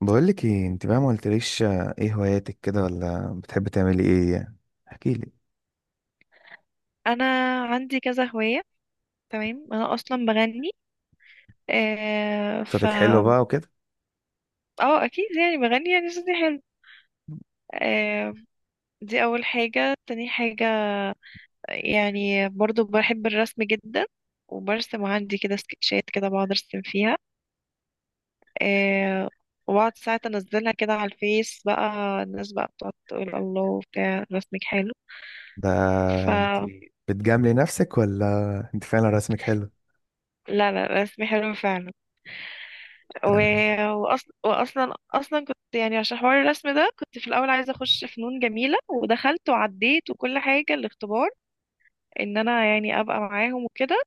بقولك ايه انت بقى، ما قلتليش، ايه هواياتك كده ولا بتحب تعملي ايه يعني؟ احكيلي. انا عندي كذا هواية. تمام، انا اصلا بغني. آه ف صوتك حلو بقى وكده. اه اكيد، يعني بغني يعني صوتي حلو. آه دي اول حاجة. تاني حاجة يعني برضو بحب الرسم جدا، وبرسم عندي كده سكتشات كده بقعد ارسم فيها، آه وبقعد ساعات انزلها كده على الفيس بقى، الناس بقى بتقعد تقول الله بتاع رسمك حلو. ده ف انت بتجاملي نفسك ولا انت فعلا رسمك حلو؟ لا لا رسمي حلو فعلا. و... تمام. وأصل... واصلا اصلا كنت يعني عشان حوار الرسم ده كنت في الاول عايزه اخش فنون جميله، ودخلت وعديت وكل حاجه الاختبار ان انا يعني ابقى معاهم وكده.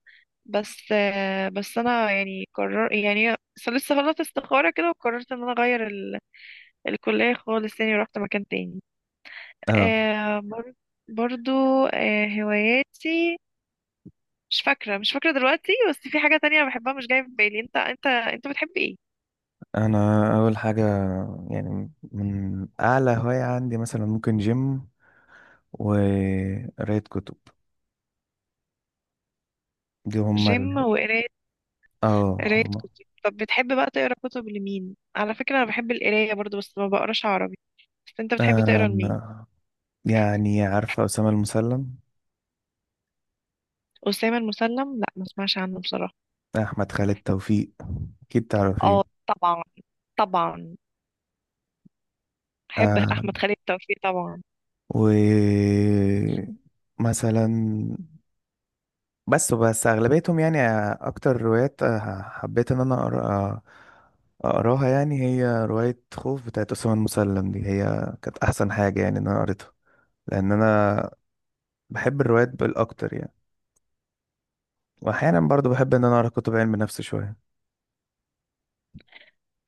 بس بس انا يعني قرر يعني لسه فضلت استخاره كده، وقررت ان انا اغير الكليه خالص تاني، ورحت مكان تاني. اه، آه، بر... برضو. هواياتي مش فاكره دلوقتي، بس في حاجه تانية بحبها مش جايه في بالي. انت بتحب ايه؟ انا اول حاجة يعني من اعلى هواية عندي مثلا ممكن جيم وقراية كتب. دي هما جيم وقرايه، اه قراية هما. كتب. طب بتحب بقى تقرا كتب لمين؟ على فكرة انا بحب القراية برضو بس ما بقراش عربي، بس انت بتحب تقرا لمين؟ آه يعني عارفة أسامة المسلم؟ أسامة المسلم؟ لا ما اسمعش عنه بصراحة. أحمد خالد توفيق أكيد تعرفيه. اه طبعا، طبعا بحب احمد خالد توفيق طبعا. ومثلا بس أغلبيتهم يعني أكتر روايات حبيت إن أنا أقراها، يعني هي رواية خوف بتاعت أسامة المسلم دي هي كانت أحسن حاجة يعني إن أنا قريتها، لأن أنا بحب الروايات بالأكتر يعني. وأحيانا برضو بحب إن أنا أقرأ كتب علم نفس شوية.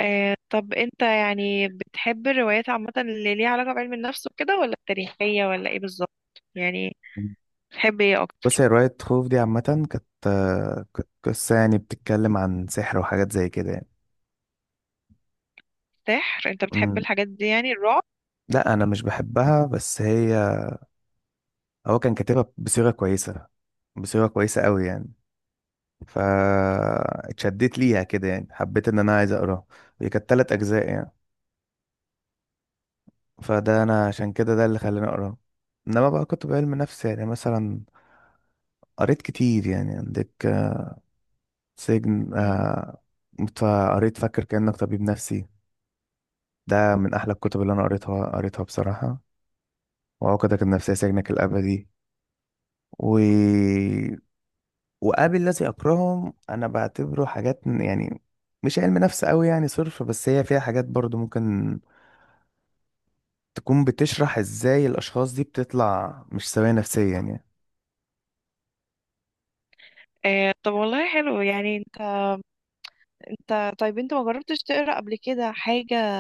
طب انت يعني بتحب الروايات عامة اللي ليها علاقة بعلم النفس وكده، ولا التاريخية، ولا ايه بالظبط؟ يعني بتحب ايه بص اكتر؟ هي رواية خوف دي عامة كانت قصة يعني بتتكلم عن سحر وحاجات زي كده يعني. سحر؟ انت بتحب أمم، الحاجات دي يعني الرعب؟ لا أنا مش بحبها، بس هو كان كاتبها بصيغة كويسة قوي يعني، فاتشدت ليها كده يعني حبيت ان انا عايز اقراه. هي كانت 3 اجزاء يعني، فده انا عشان كده ده اللي خلاني اقراه. انما بقى كنت بعلم نفس يعني مثلا قريت كتير، يعني عندك سجن، مم. فقريت فاكر كأنك طبيب نفسي، ده من احلى الكتب اللي انا قريتها بصراحة، وعقدك النفسية سجنك الابدي، و وقابل الذي أكرههم. أنا بعتبره حاجات يعني مش علم نفس أوي يعني صرف، بس هي فيها حاجات برضو ممكن تكون بتشرح إزاي الأشخاص دي بتطلع مش سوية نفسيا يعني. طب والله حلو. يعني انت، انت طيب انت ما جربتش تقرا قبل كده حاجة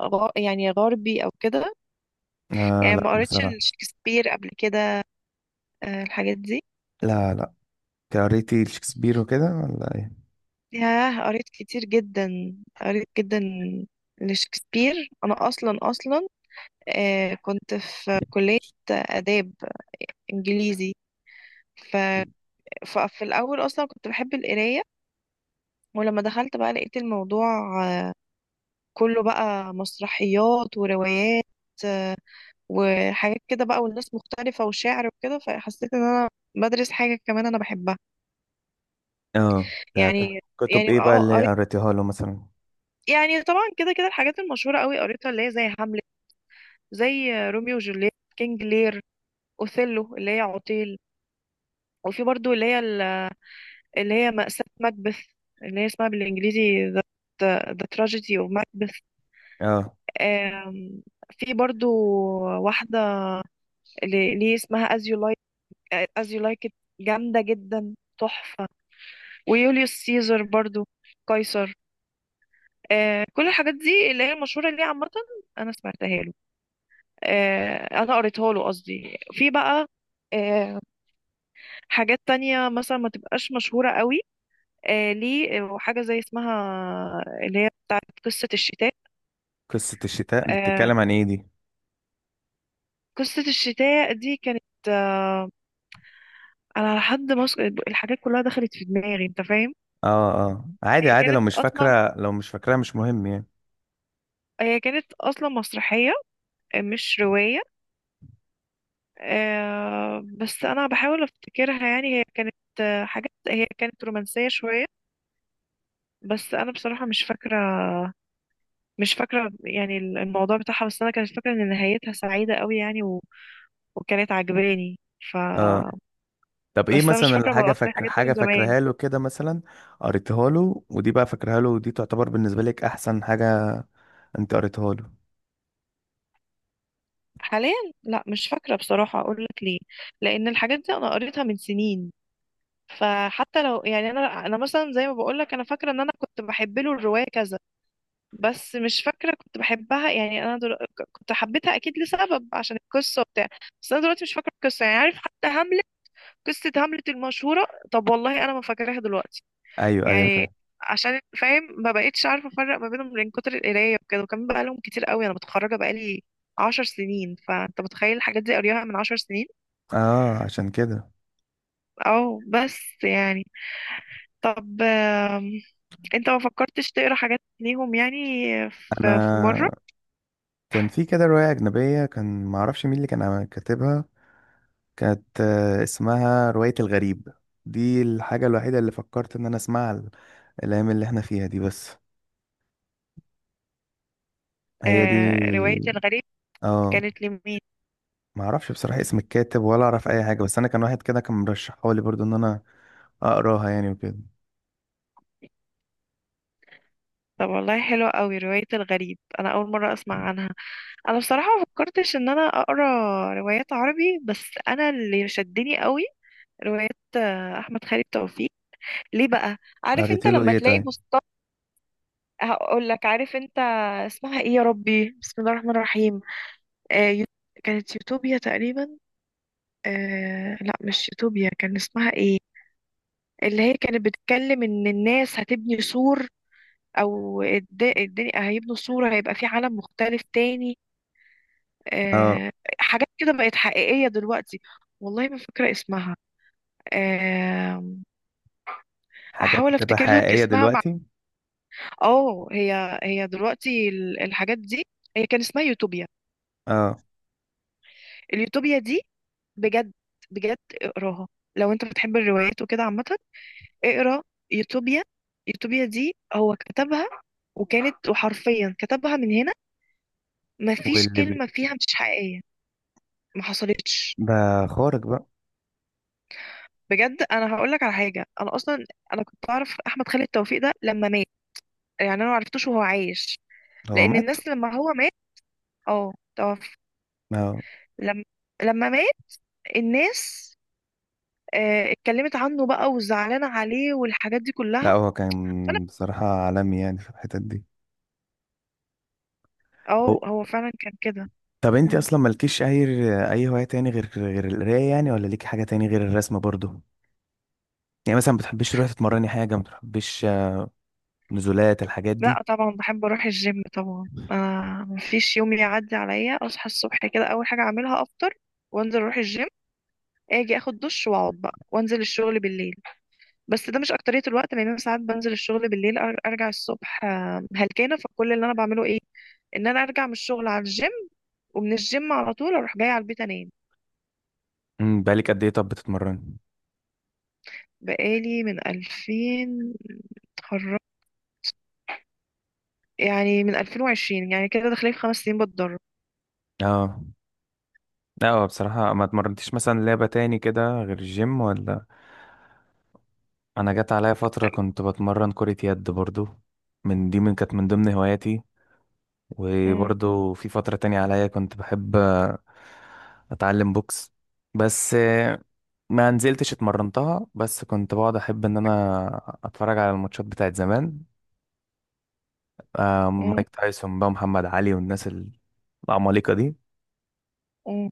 يعني غربي او كده؟ آه، يعني لا ما قريتش بصراحة. شكسبير قبل كده؟ الحاجات دي؟ لا، لا. قريتي شكسبير وكده ولا إيه؟ ياه، قريت كتير جدا، قريت جدا لشكسبير. انا اصلا كنت في كلية آداب انجليزي. ف... ففي الاول اصلا كنت بحب القراية، ولما دخلت بقى لقيت الموضوع آه، كله بقى مسرحيات وروايات وحاجات كده بقى، والناس مختلفة وشعر وكده، فحسيت ان انا بدرس حاجة كمان انا بحبها اه ده كان. يعني. كتب يعني إيه بقى اه اللي قريت، قريتيها له مثلا؟ يعني طبعا كده كده الحاجات المشهورة قوي قريتها، اللي هي زي هاملت، زي روميو وجولييت، كينج لير، اوثيلو اللي هي عطيل، وفي برضو اللي هي اللي هي مأساة مكبث، اللي هي اسمها بالانجليزي The Tragedy of Macbeth. اه، آم، في برضو واحدة اللي هي اسمها As You Like It، جامدة جدا، تحفة. ويوليوس سيزر برضو، قيصر. كل الحاجات دي اللي هي المشهورة اللي هي عامة أنا سمعتها له، انا قريتها له قصدي. في بقى آه، حاجات تانية مثلا ما تبقاش مشهورة قوي، ليه، وحاجة زي اسمها اللي هي بتاعت قصة الشتاء. قصة الشتاء دي آه، بتتكلم عن إيه دي؟ قصة الشتاء دي كانت أنا على حد مصر الحاجات كلها دخلت في دماغي، أنت فاهم. اه، اه، عادي، هي عادي، كانت أصلا، لو مش فاكراها مش مهم يعني. هي كانت أصلا مسرحية مش رواية. بس أنا بحاول أفتكرها، يعني هي كانت حاجات، هي كانت رومانسية شوية، بس أنا بصراحة مش فاكرة يعني الموضوع بتاعها، بس أنا كانت فاكرة إن نهايتها سعيدة قوي يعني، وكانت عجباني. ف اه، طب ايه بس أنا مش مثلا فاكرة، مرات فاكر الحاجات دي حاجة من زمان. فاكرها له كده مثلا؟ قريتها له ودي بقى فاكرها له ودي تعتبر بالنسبة لك احسن حاجة انت قريتها له؟ حاليا لا مش فاكرة بصراحة. أقول لك ليه، لأن الحاجات دي أنا قريتها من سنين، فحتى لو يعني أنا مثلا زي ما بقول لك أنا فاكرة إن أنا كنت بحب له الرواية كذا، بس مش فاكرة كنت بحبها يعني. أنا كنت حبيتها أكيد لسبب، عشان القصة وبتاع، بس أنا دلوقتي مش فاكرة القصة. يعني عارف، حتى هاملت، قصة هاملت المشهورة، طب والله أنا ما فاكراها دلوقتي ايوه، ايوه، فاهم. يعني. عشان فاهم ما بقتش عارفه افرق ما بينهم من كتر القرايه وكده، وكمان بقى لهم كتير قوي، انا متخرجه بقى لي 10 سنين، فانت متخيل الحاجات دي قريها من 10 سنين. اه عشان كده. بس يعني. طب انت ما فكرتش تقرا حاجات ليهم يعني، في مره؟ انا كان في كده رواية اجنبية كان معرفش مين اللي كان كاتبها، كانت اسمها رواية الغريب، دي الحاجة الوحيدة اللي فكرت ان انا اسمعها الايام اللي احنا فيها دي، بس هي دي. روايه الغريب، اه، كانت لمين؟ معرفش بصراحة اسم الكاتب ولا اعرف اي حاجة، بس انا كان واحد كده كان مرشحها لي برضو ان انا اقراها يعني وكده. طب والله حلوة قوي، رواية الغريب، أنا أول مرة أسمع عنها. أنا بصراحة ما فكرتش إن أنا أقرأ روايات عربي، بس أنا اللي شدني قوي روايات احمد خالد توفيق. ليه بقى؟ عارف قريت انت له لما ايه تلاقي، طيب؟ بص هقول لك. عارف انت اسمها ايه؟ يا ربي، بسم الله الرحمن الرحيم. آه يو- كانت يوتوبيا تقريبا. آه لا مش يوتوبيا، كان اسمها ايه؟ اللي هي كانت بتتكلم ان الناس هتبني سور، او الدنيا هيبنوا سور، هيبقى في عالم مختلف تاني، اه، آه حاجات كده بقت حقيقية دلوقتي. والله ما فاكرة اسمها. آه، حاجات احاول بتبقى افتكر لك حقيقية اسمها. دلوقتي. اه هي دلوقتي الحاجات دي، هي كان اسمها يوتوبيا، اه، اليوتوبيا دي. بجد، بجد اقراها لو انت بتحب الروايات وكده عامة. اقرا يوتوبيا. يوتوبيا دي هو كتبها، وكانت، وحرفيا كتبها من هنا، مفيش واللي بي... كلمة فيها مش حقيقية ما حصلتش. بقى خارج بقى. بجد انا هقول لك على حاجة، انا اصلا انا كنت اعرف احمد خالد توفيق ده لما مات، يعني انا ما عرفتوش وهو عايش، هو لان مات؟ الناس لما هو مات، اه توفى، اه، لما لما مات الناس اتكلمت عنه بقى، وزعلانة عليه، والحاجات دي كلها. لا، هو فانا كان بصراحة عالمي يعني في الحتت دي. اه أو... هو فعلا كان كده. طب انت مم. اصلا مالكيش اي هواية تاني غير القراية يعني؟ ولا ليك حاجة تاني غير الرسم برضو؟ يعني مثلا ما بتحبيش تروحي تتمرني حاجة، ما بتحبيش نزولات الحاجات دي؟ لا طبعا بحب اروح الجيم طبعا. آه مفيش يوم يعدي عليا اصحى الصبح كده، اول حاجه اعملها افطر وانزل اروح الجيم، اجي اخد دش واقعد بقى، وانزل الشغل بالليل. بس ده مش اكتريه الوقت، لان انا ساعات بنزل الشغل بالليل، ارجع الصبح هلكانه، فكل اللي انا بعمله ايه، ان انا ارجع من الشغل على الجيم، ومن الجيم على طول اروح جايه على البيت انام. بقالك قد ايه طب بتتمرني؟ بقالي من 2000، اتخرجت يعني من 2020، يعني كده داخلين في 5 سنين بتدرب. اه. لا هو بصراحة ما اتمرنتيش مثلا لعبة تاني كده غير الجيم ولا؟ انا جت عليا فتره كنت بتمرن كره يد برضو، من كانت من ضمن هواياتي. مم. وبرضو في فتره تانية عليا كنت بحب اتعلم بوكس، بس ما نزلتش اتمرنتها، بس كنت بقعد احب ان انا اتفرج على الماتشات بتاعت زمان، مم. مايك تايسون بقى، محمد علي، والناس العمالقه دي. مم.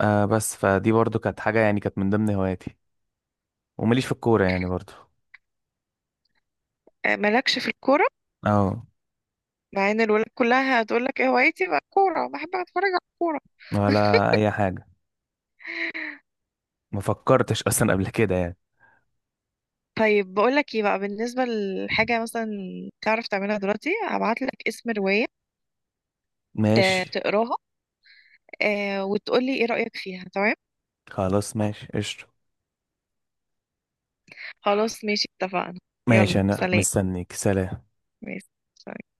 بس فدي برضو كانت حاجه يعني كانت من ضمن هواياتي، ومليش في الكوره يعني برضو. مالكش في الكورة، اه، مع ان الولاد كلها هتقول لك ايه هوايتي بقى كورة، بحب اتفرج على الكورة. ولا اي حاجه، ما فكرتش اصلا قبل كده يعني. طيب بقول لك ايه بقى، بالنسبة لحاجة مثلا تعرف تعملها دلوقتي، هبعت لك اسم رواية ماشي. تقراها، آه وتقول لي ايه رأيك فيها، تمام؟ خلاص، ماشي قشطة. خلاص ماشي، اتفقنا. ماشي، يلا أنا سلام. مستنيك، سلام. ماشي، سلام.